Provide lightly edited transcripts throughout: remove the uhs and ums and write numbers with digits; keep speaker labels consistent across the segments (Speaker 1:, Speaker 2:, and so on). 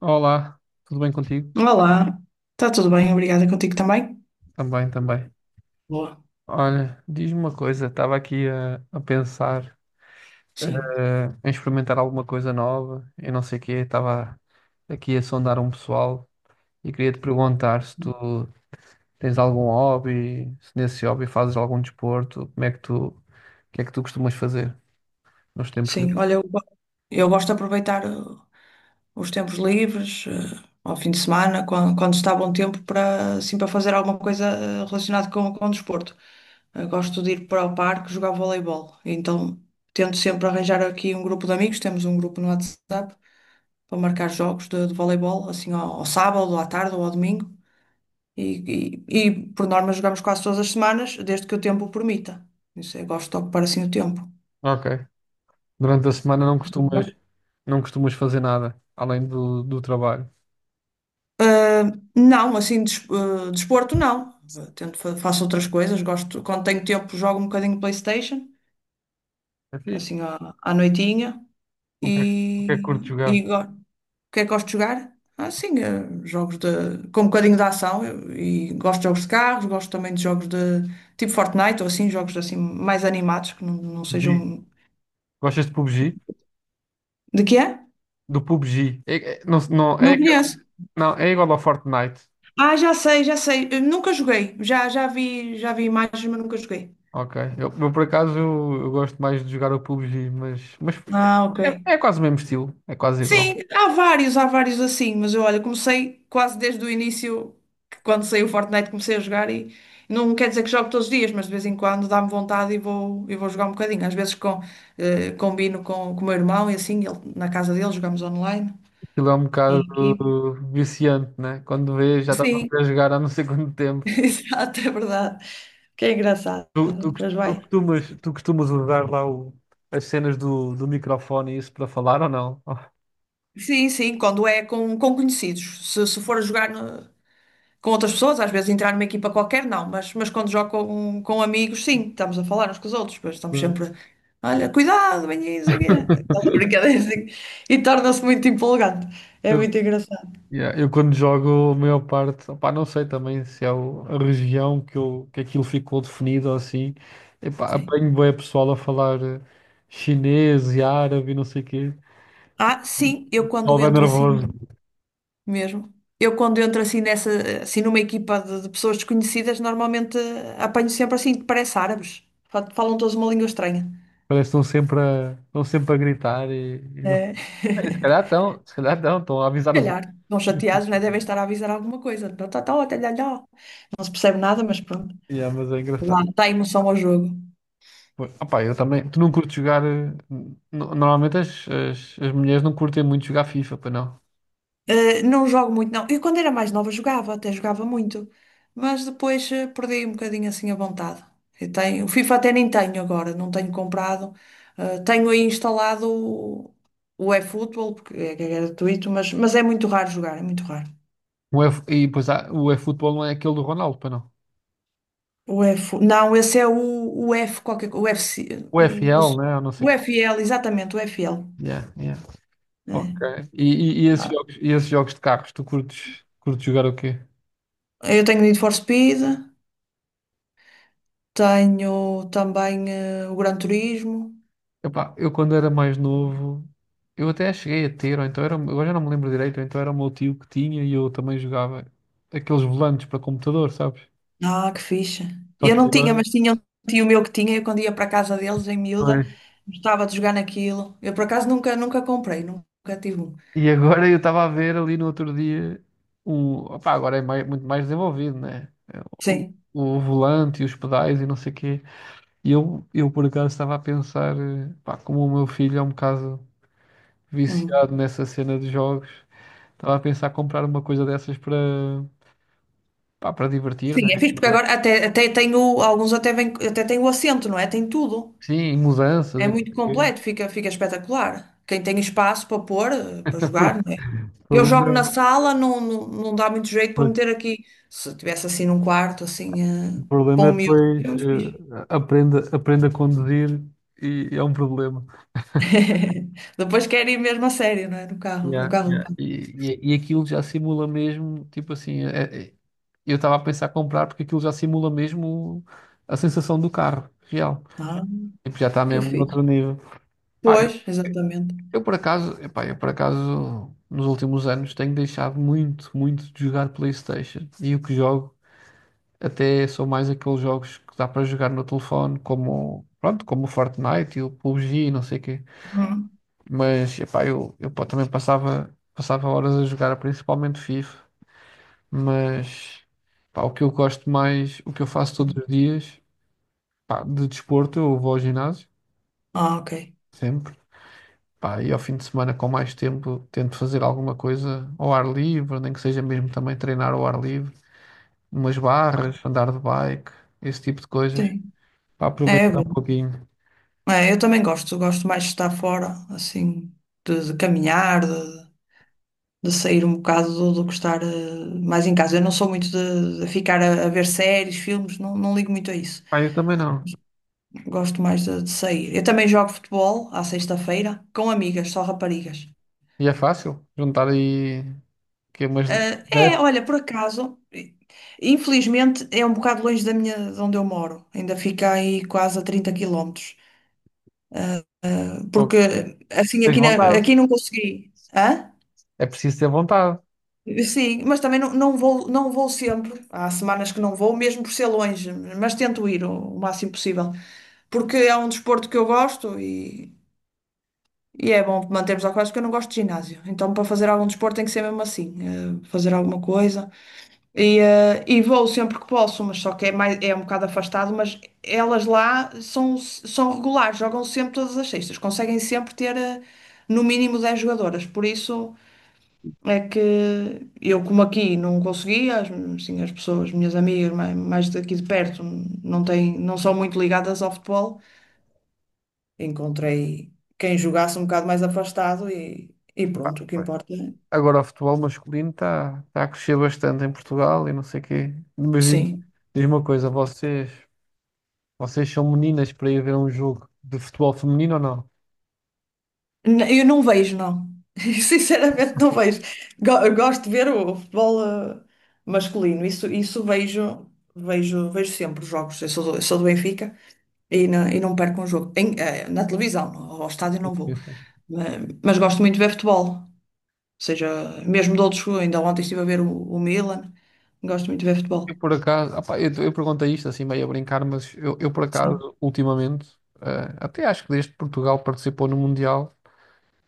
Speaker 1: Olá, tudo bem contigo?
Speaker 2: Olá, está tudo bem, obrigada, contigo também?
Speaker 1: Também, também.
Speaker 2: Boa,
Speaker 1: Olha, diz-me uma coisa, estava aqui a pensar
Speaker 2: sim.
Speaker 1: em experimentar alguma coisa nova, eu não sei o quê, estava aqui a sondar um pessoal e queria te perguntar se tu tens algum hobby, se nesse hobby fazes algum desporto, como é que tu, o que é que tu costumas fazer nos tempos
Speaker 2: Sim,
Speaker 1: livres?
Speaker 2: olha, eu gosto de aproveitar os tempos livres, ao fim de semana, quando está bom tempo, para, assim, para fazer alguma coisa relacionada com o desporto. Eu gosto de ir para o parque jogar voleibol, então tento sempre arranjar aqui um grupo de amigos, temos um grupo no WhatsApp, para marcar jogos de voleibol, assim, ao, ao sábado, ou à tarde ou ao domingo. E, e por norma jogamos quase todas as semanas, desde que o tempo o permita. Isso eu gosto de ocupar assim o tempo.
Speaker 1: Ok. Durante a semana não costumas fazer nada, além do trabalho.
Speaker 2: Ah, não, assim, desporto não. Ah, tento, faço outras coisas. Gosto, quando tenho tempo, jogo um bocadinho PlayStation,
Speaker 1: É fixe.
Speaker 2: assim à noitinha.
Speaker 1: O que é, o que é que curtes
Speaker 2: E, e
Speaker 1: jogar?
Speaker 2: go- o que é que gosto de jogar? Ah, sim, ah, jogos de, com um bocadinho de ação. E gosto de jogos de carros, gosto também de jogos de tipo Fortnite ou assim, jogos assim mais animados que não
Speaker 1: PUBG.
Speaker 2: sejam.
Speaker 1: Gostas de PUBG?
Speaker 2: De que é?
Speaker 1: Do PUBG. Não, não,
Speaker 2: Não
Speaker 1: é,
Speaker 2: conheço.
Speaker 1: não, é igual ao Fortnite.
Speaker 2: Ah, já sei, já sei. Eu nunca joguei. Já vi imagens, mas nunca joguei.
Speaker 1: Ok. Por acaso eu gosto mais de jogar o PUBG, mas
Speaker 2: Ah, ok.
Speaker 1: é quase o mesmo estilo. É quase igual.
Speaker 2: Sim, há vários assim, mas eu, olha, comecei quase desde o início, que quando saiu o Fortnite comecei a jogar e não quer dizer que jogo todos os dias, mas de vez em quando dá-me vontade e vou jogar um bocadinho. Às vezes combino com o meu irmão e assim, na casa dele jogamos online,
Speaker 1: Aquilo é um bocado
Speaker 2: em equipe.
Speaker 1: viciante, né? Quando vês, já estás
Speaker 2: Sim,
Speaker 1: a jogar há não sei quanto tempo.
Speaker 2: exato, é verdade. Que é engraçado.
Speaker 1: Tu, tu, cos-
Speaker 2: Pois
Speaker 1: tu
Speaker 2: vai.
Speaker 1: costumas, tu costumas usar lá as cenas do microfone e isso para falar ou não?
Speaker 2: Sim, sim, quando é com conhecidos. Se for jogar com outras pessoas, às vezes entrar numa equipa qualquer, não, mas quando jogo com amigos, sim, estamos a falar uns com os outros, pois estamos sempre, olha, cuidado, bem isso aqui. Aquela brincadeira assim, e torna-se muito empolgante. É muito engraçado,
Speaker 1: Yeah, eu quando jogo, a maior parte, opá, não sei também se é a região que, eu, que aquilo ficou definido ou assim. Epá,
Speaker 2: sim.
Speaker 1: apanho bué pessoal a falar chinês e árabe e não sei o quê.
Speaker 2: Ah, sim,
Speaker 1: Pessoal bem nervoso.
Speaker 2: mesmo, eu quando entro assim nessa, assim numa equipa de pessoas desconhecidas, normalmente apanho sempre assim, que parece árabes. Falam todos uma língua estranha.
Speaker 1: Parece que estão sempre a gritar e não.
Speaker 2: É.
Speaker 1: Bem, Se calhar estão, se calhar estão, estão a avisar os outros.
Speaker 2: Calhar, não chateados, né? Devem estar a avisar alguma coisa. Tó, tó, tal, até lá, lá. Não se percebe nada, mas pronto.
Speaker 1: Yeah, mas é
Speaker 2: Lá
Speaker 1: engraçado.
Speaker 2: está a emoção ao jogo.
Speaker 1: Pô, opá, eu também, tu não curtes jogar. Normalmente as mulheres não curtem muito jogar FIFA, para não.
Speaker 2: Eh, não jogo muito, não. Eu quando era mais nova jogava, até jogava muito. Mas depois perdi um bocadinho assim a vontade. Eu tenho, o FIFA até nem tenho agora, não tenho comprado. Tenho aí instalado o eFootball, porque é gratuito, mas é muito raro jogar, é muito raro.
Speaker 1: O F- e pois há, o eFootball não é aquele do Ronaldo, para não.
Speaker 2: O F, não, esse é o F, qualquer, o FC, o, o,
Speaker 1: UFL, né? Eu não
Speaker 2: o
Speaker 1: sei.
Speaker 2: F L, exatamente, o F L.
Speaker 1: Yeah, yeah.
Speaker 2: Eh,
Speaker 1: Ok. E, e- e esses
Speaker 2: Ah,
Speaker 1: jogos, e esses jogos de carros, tu curtes jogar o quê?
Speaker 2: Eu tenho Need for Speed, tenho também o Gran Turismo.
Speaker 1: Epá, eu quando era mais novo, eu até cheguei a ter, ou então era, agora já não me lembro direito, ou então era o meu tio que tinha e eu também jogava aqueles volantes para computador, sabes?
Speaker 2: Ah, que fixe.
Speaker 1: Só
Speaker 2: Eu
Speaker 1: que
Speaker 2: não tinha,
Speaker 1: agora,
Speaker 2: mas tinha um tio meu que tinha, eu quando ia para a casa deles em miúda,
Speaker 1: pois.
Speaker 2: gostava de jogar naquilo. Eu por acaso nunca comprei, nunca tive um.
Speaker 1: E agora eu estava a ver ali no outro dia um, opá, agora é muito mais desenvolvido, né? O,
Speaker 2: Sim.
Speaker 1: o volante e os pedais e não sei o quê. E eu por acaso estava a pensar, pá, como o meu filho é um bocado
Speaker 2: Uhum.
Speaker 1: viciado nessa cena de jogos, estava a pensar comprar uma coisa dessas para divertir,
Speaker 2: Sim,
Speaker 1: né?
Speaker 2: é fixe, porque agora até tenho alguns, até vem, até tenho o assento, não é? Tem tudo.
Speaker 1: Sim, e mudanças
Speaker 2: É
Speaker 1: e não
Speaker 2: muito
Speaker 1: sei o quê.
Speaker 2: completo, fica espetacular. Quem tem espaço para pôr, para jogar, não é?
Speaker 1: O
Speaker 2: Eu jogo
Speaker 1: problema
Speaker 2: na
Speaker 1: é,
Speaker 2: sala, não dá muito jeito para
Speaker 1: pois,
Speaker 2: meter aqui. Se tivesse assim num quarto, assim,
Speaker 1: o
Speaker 2: eh, para
Speaker 1: problema é
Speaker 2: um miúdo, é
Speaker 1: depois
Speaker 2: muito fixe.
Speaker 1: aprenda aprende a conduzir e é um problema.
Speaker 2: Depois quero ir mesmo a sério, não é? No carro, no
Speaker 1: Yeah,
Speaker 2: carro do
Speaker 1: yeah.
Speaker 2: pai.
Speaker 1: E aquilo já simula mesmo, tipo assim, eu estava a pensar comprar porque aquilo já simula mesmo a sensação do carro real.
Speaker 2: Ah,
Speaker 1: Tipo, já está
Speaker 2: que
Speaker 1: mesmo noutro
Speaker 2: fixe.
Speaker 1: nível. Pá, eu,
Speaker 2: Pois, exatamente.
Speaker 1: eu por acaso, epá, eu por acaso, nos últimos anos tenho deixado muito, muito de jogar PlayStation. E o que jogo até são mais aqueles jogos que dá para jogar no telefone, como o Fortnite e o PUBG e não sei o quê.
Speaker 2: Hum.
Speaker 1: Mas, epá, eu pá, também passava horas a jogar, principalmente FIFA. Mas, pá, o que eu gosto mais, o que eu faço todos os dias, pá, de desporto, eu vou ao ginásio.
Speaker 2: Ah, ok.
Speaker 1: Sempre. Pá, e ao fim de semana, com mais tempo, tento fazer alguma coisa ao ar livre, nem que seja mesmo também treinar ao ar livre, umas barras, andar de bike, esse tipo de coisas,
Speaker 2: Sim,
Speaker 1: para
Speaker 2: é, é
Speaker 1: aproveitar um
Speaker 2: bom.
Speaker 1: pouquinho.
Speaker 2: É, eu também gosto, gosto mais de estar fora, assim, de caminhar, de sair um bocado do que estar mais em casa. Eu não sou muito de ficar a ver séries, filmes, não ligo muito a isso.
Speaker 1: Pá, eu também não.
Speaker 2: Gosto mais de sair. Eu também jogo futebol à sexta-feira com amigas, só raparigas.
Speaker 1: E é fácil juntar aí que umas
Speaker 2: Ah, é,
Speaker 1: 10,
Speaker 2: olha, por acaso, infelizmente é um bocado longe da minha, de onde eu moro. Ainda fica aí quase a 30 quilómetros.
Speaker 1: pô,
Speaker 2: Porque assim
Speaker 1: tens
Speaker 2: aqui,
Speaker 1: vontade.
Speaker 2: aqui não consegui. Hã?
Speaker 1: É preciso ter vontade.
Speaker 2: Sim, mas também não vou sempre. Há semanas que não vou, mesmo por ser longe, mas tento ir o máximo possível. Porque é um desporto que eu gosto e é bom mantermos a coisa porque eu não gosto de ginásio. Então, para fazer algum desporto tem que ser mesmo assim, fazer alguma coisa. E vou sempre que posso, mas só que é, mais, é um bocado afastado, mas elas lá são, são regulares, jogam sempre todas as sextas, conseguem sempre ter, no mínimo 10 jogadoras. Por isso. É que eu, como aqui não consegui, as pessoas, minhas amigas mais daqui de perto, não têm, não são muito ligadas ao futebol, encontrei quem jogasse um bocado mais afastado e pronto, o que
Speaker 1: Pois.
Speaker 2: importa. É...
Speaker 1: Agora o futebol masculino está a crescer bastante em Portugal e não sei o quê. Mas diz,
Speaker 2: Sim.
Speaker 1: diz uma coisa, vocês são meninas para ir ver um jogo de futebol feminino ou não?
Speaker 2: N- eu não vejo, não. Sinceramente, não vejo. Gosto de ver o futebol masculino, isso vejo, vejo sempre os jogos. Eu sou do Benfica, e não perco um jogo. Na televisão, ao estádio não vou. Eh, Mas gosto muito de ver futebol. Ou seja, mesmo de outros, ainda ontem estive a ver o Milan. Gosto muito de ver
Speaker 1: Eu
Speaker 2: futebol.
Speaker 1: por acaso, opá, eu perguntei isto assim meio a brincar, mas eu por
Speaker 2: Sim,
Speaker 1: acaso, ultimamente, até acho que desde que Portugal participou no Mundial,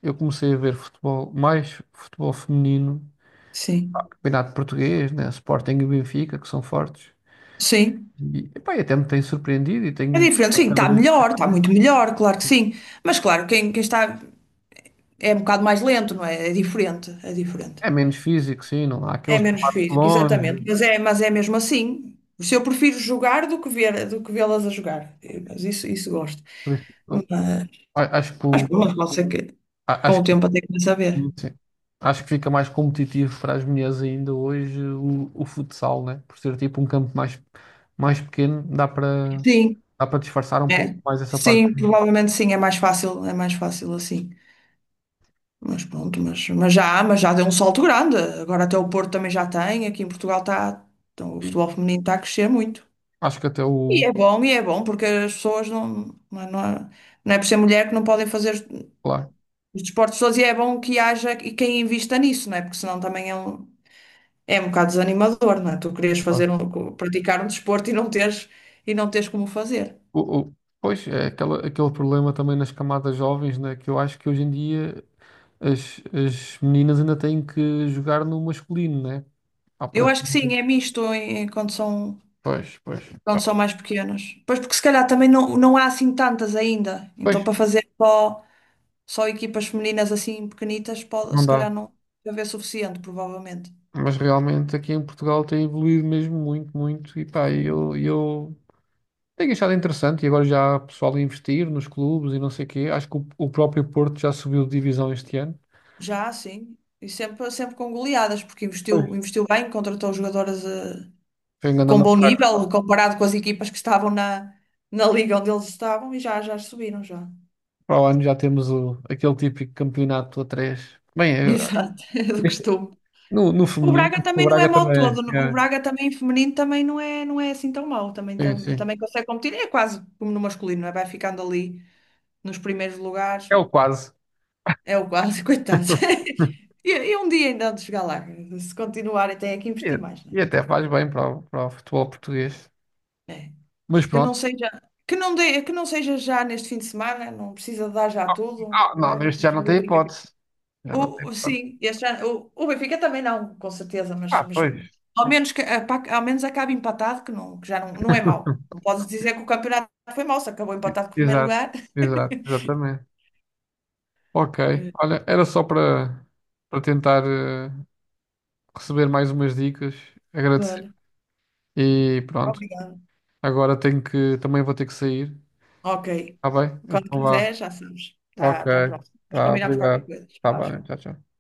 Speaker 1: eu comecei a ver futebol, mais futebol feminino,
Speaker 2: sim,
Speaker 1: campeonato português, né, Sporting e Benfica, que são fortes,
Speaker 2: sim.
Speaker 1: e até me tem surpreendido e
Speaker 2: É
Speaker 1: tenho
Speaker 2: diferente, sim,
Speaker 1: cada
Speaker 2: está
Speaker 1: vez
Speaker 2: melhor, está muito melhor, claro que sim. Mas claro, quem está é um bocado mais lento, não é? É diferente, é diferente.
Speaker 1: é menos físico, sim, não há
Speaker 2: É
Speaker 1: aqueles
Speaker 2: menos
Speaker 1: debates
Speaker 2: físico,
Speaker 1: longe,
Speaker 2: exatamente. Mas é mesmo assim. Se eu prefiro jogar do que ver, do que vê-las a jogar. Eh, mas isso gosto.
Speaker 1: por isso,
Speaker 2: Mas,
Speaker 1: eu a- acho que
Speaker 2: mas
Speaker 1: o-
Speaker 2: pronto, pode ser que
Speaker 1: a-
Speaker 2: com
Speaker 1: acho
Speaker 2: o tempo até começa a ver.
Speaker 1: Sim, sim. Acho que fica mais competitivo para as mulheres ainda hoje o futsal, né? Por ser tipo um campo mais pequeno, dá para
Speaker 2: Sim,
Speaker 1: dá para disfarçar um pouco
Speaker 2: é.
Speaker 1: mais essa
Speaker 2: Sim,
Speaker 1: parte.
Speaker 2: provavelmente sim, é mais fácil assim. Mas pronto, mas já, há, mas já deu um salto grande. Agora até o Porto também já tem, aqui em Portugal está, então, o
Speaker 1: Sim.
Speaker 2: futebol feminino está a crescer muito.
Speaker 1: Acho que até
Speaker 2: E é bom, porque as pessoas não é por ser mulher que não podem fazer
Speaker 1: claro,
Speaker 2: os desportos todos, e é bom que haja e quem invista nisso, não é? Porque senão também é um bocado desanimador, não é? Tu querias
Speaker 1: claro.
Speaker 2: fazer um, praticar um desporto e e não teres como fazer.
Speaker 1: Pois é aquele problema também nas camadas jovens, né? Que eu acho que hoje em dia as meninas ainda têm que jogar no masculino, né? Há
Speaker 2: Eu
Speaker 1: para.
Speaker 2: acho que sim, é misto quando são,
Speaker 1: Pois, pois.
Speaker 2: quando são mais pequenos. Pois, porque se calhar também não há assim tantas ainda.
Speaker 1: Pois,
Speaker 2: Então para fazer só equipas femininas assim pequenitas, pode,
Speaker 1: não
Speaker 2: se calhar
Speaker 1: dá.
Speaker 2: não vai haver suficiente, provavelmente.
Speaker 1: Mas realmente aqui em Portugal tem evoluído mesmo muito, muito. E pá,
Speaker 2: Sim.
Speaker 1: eu tenho achado interessante. E agora já há pessoal a investir nos clubes e não sei o quê. Acho que o próprio Porto já subiu de divisão este ano.
Speaker 2: Já, sim. E sempre, sempre com goleadas, porque
Speaker 1: Pois.
Speaker 2: investiu bem, contratou jogadoras
Speaker 1: Foi um grande
Speaker 2: com bom
Speaker 1: macaco.
Speaker 2: nível comparado com as equipas que estavam na liga onde eles estavam e já subiram já.
Speaker 1: Para o ano já temos aquele típico campeonato a três. Bem,
Speaker 2: Exato, é do
Speaker 1: este-
Speaker 2: costume.
Speaker 1: no
Speaker 2: O
Speaker 1: feminino,
Speaker 2: Braga
Speaker 1: o
Speaker 2: também não é
Speaker 1: Braga
Speaker 2: mau
Speaker 1: também
Speaker 2: todo. O
Speaker 1: é.
Speaker 2: Braga também feminino também não é, não é assim tão mau. Também,
Speaker 1: É,
Speaker 2: tam-
Speaker 1: sim, sim.
Speaker 2: também consegue competir. É quase como no masculino, não é? Vai ficando ali nos primeiros lugares.
Speaker 1: É o quase.
Speaker 2: É o quase, coitado. E um dia ainda há de chegar lá. Se continuarem, têm que
Speaker 1: E,
Speaker 2: investir mais, não
Speaker 1: e até faz bem para o futebol português.
Speaker 2: é?
Speaker 1: Mas
Speaker 2: Que não
Speaker 1: pronto.
Speaker 2: seja, que não dê, que não seja já neste fim de semana, não precisa dar já tudo.
Speaker 1: Ah, não,
Speaker 2: Braga,
Speaker 1: neste já
Speaker 2: deixa
Speaker 1: não
Speaker 2: o
Speaker 1: tem
Speaker 2: Benfica.
Speaker 1: hipótese. Já não tem
Speaker 2: O, o,
Speaker 1: hipótese.
Speaker 2: sim, este ano, o Benfica também não, com certeza, mas,
Speaker 1: Ah,
Speaker 2: mas
Speaker 1: pois.
Speaker 2: ao menos, que, pá, ao menos acabe empatado, que, não, que já não, não é mau. Não podes dizer que o campeonato foi mau, se acabou
Speaker 1: E-
Speaker 2: empatado com o primeiro
Speaker 1: Exato,
Speaker 2: lugar.
Speaker 1: exato, exatamente. Ok,
Speaker 2: Eh,
Speaker 1: olha, era só para tentar receber mais umas dicas, agradecer.
Speaker 2: Vale.
Speaker 1: E pronto,
Speaker 2: Obrigada.
Speaker 1: agora também vou ter que sair,
Speaker 2: Ok.
Speaker 1: tá bem?
Speaker 2: Quando
Speaker 1: Então vá.
Speaker 2: quiser, já sabes. Tá,
Speaker 1: Ok,
Speaker 2: até à próxima. Mas
Speaker 1: tá,
Speaker 2: combinamos qualquer
Speaker 1: obrigado.
Speaker 2: coisa.
Speaker 1: Tá
Speaker 2: Tchau,
Speaker 1: bem,
Speaker 2: tchau.
Speaker 1: tchau, tchau.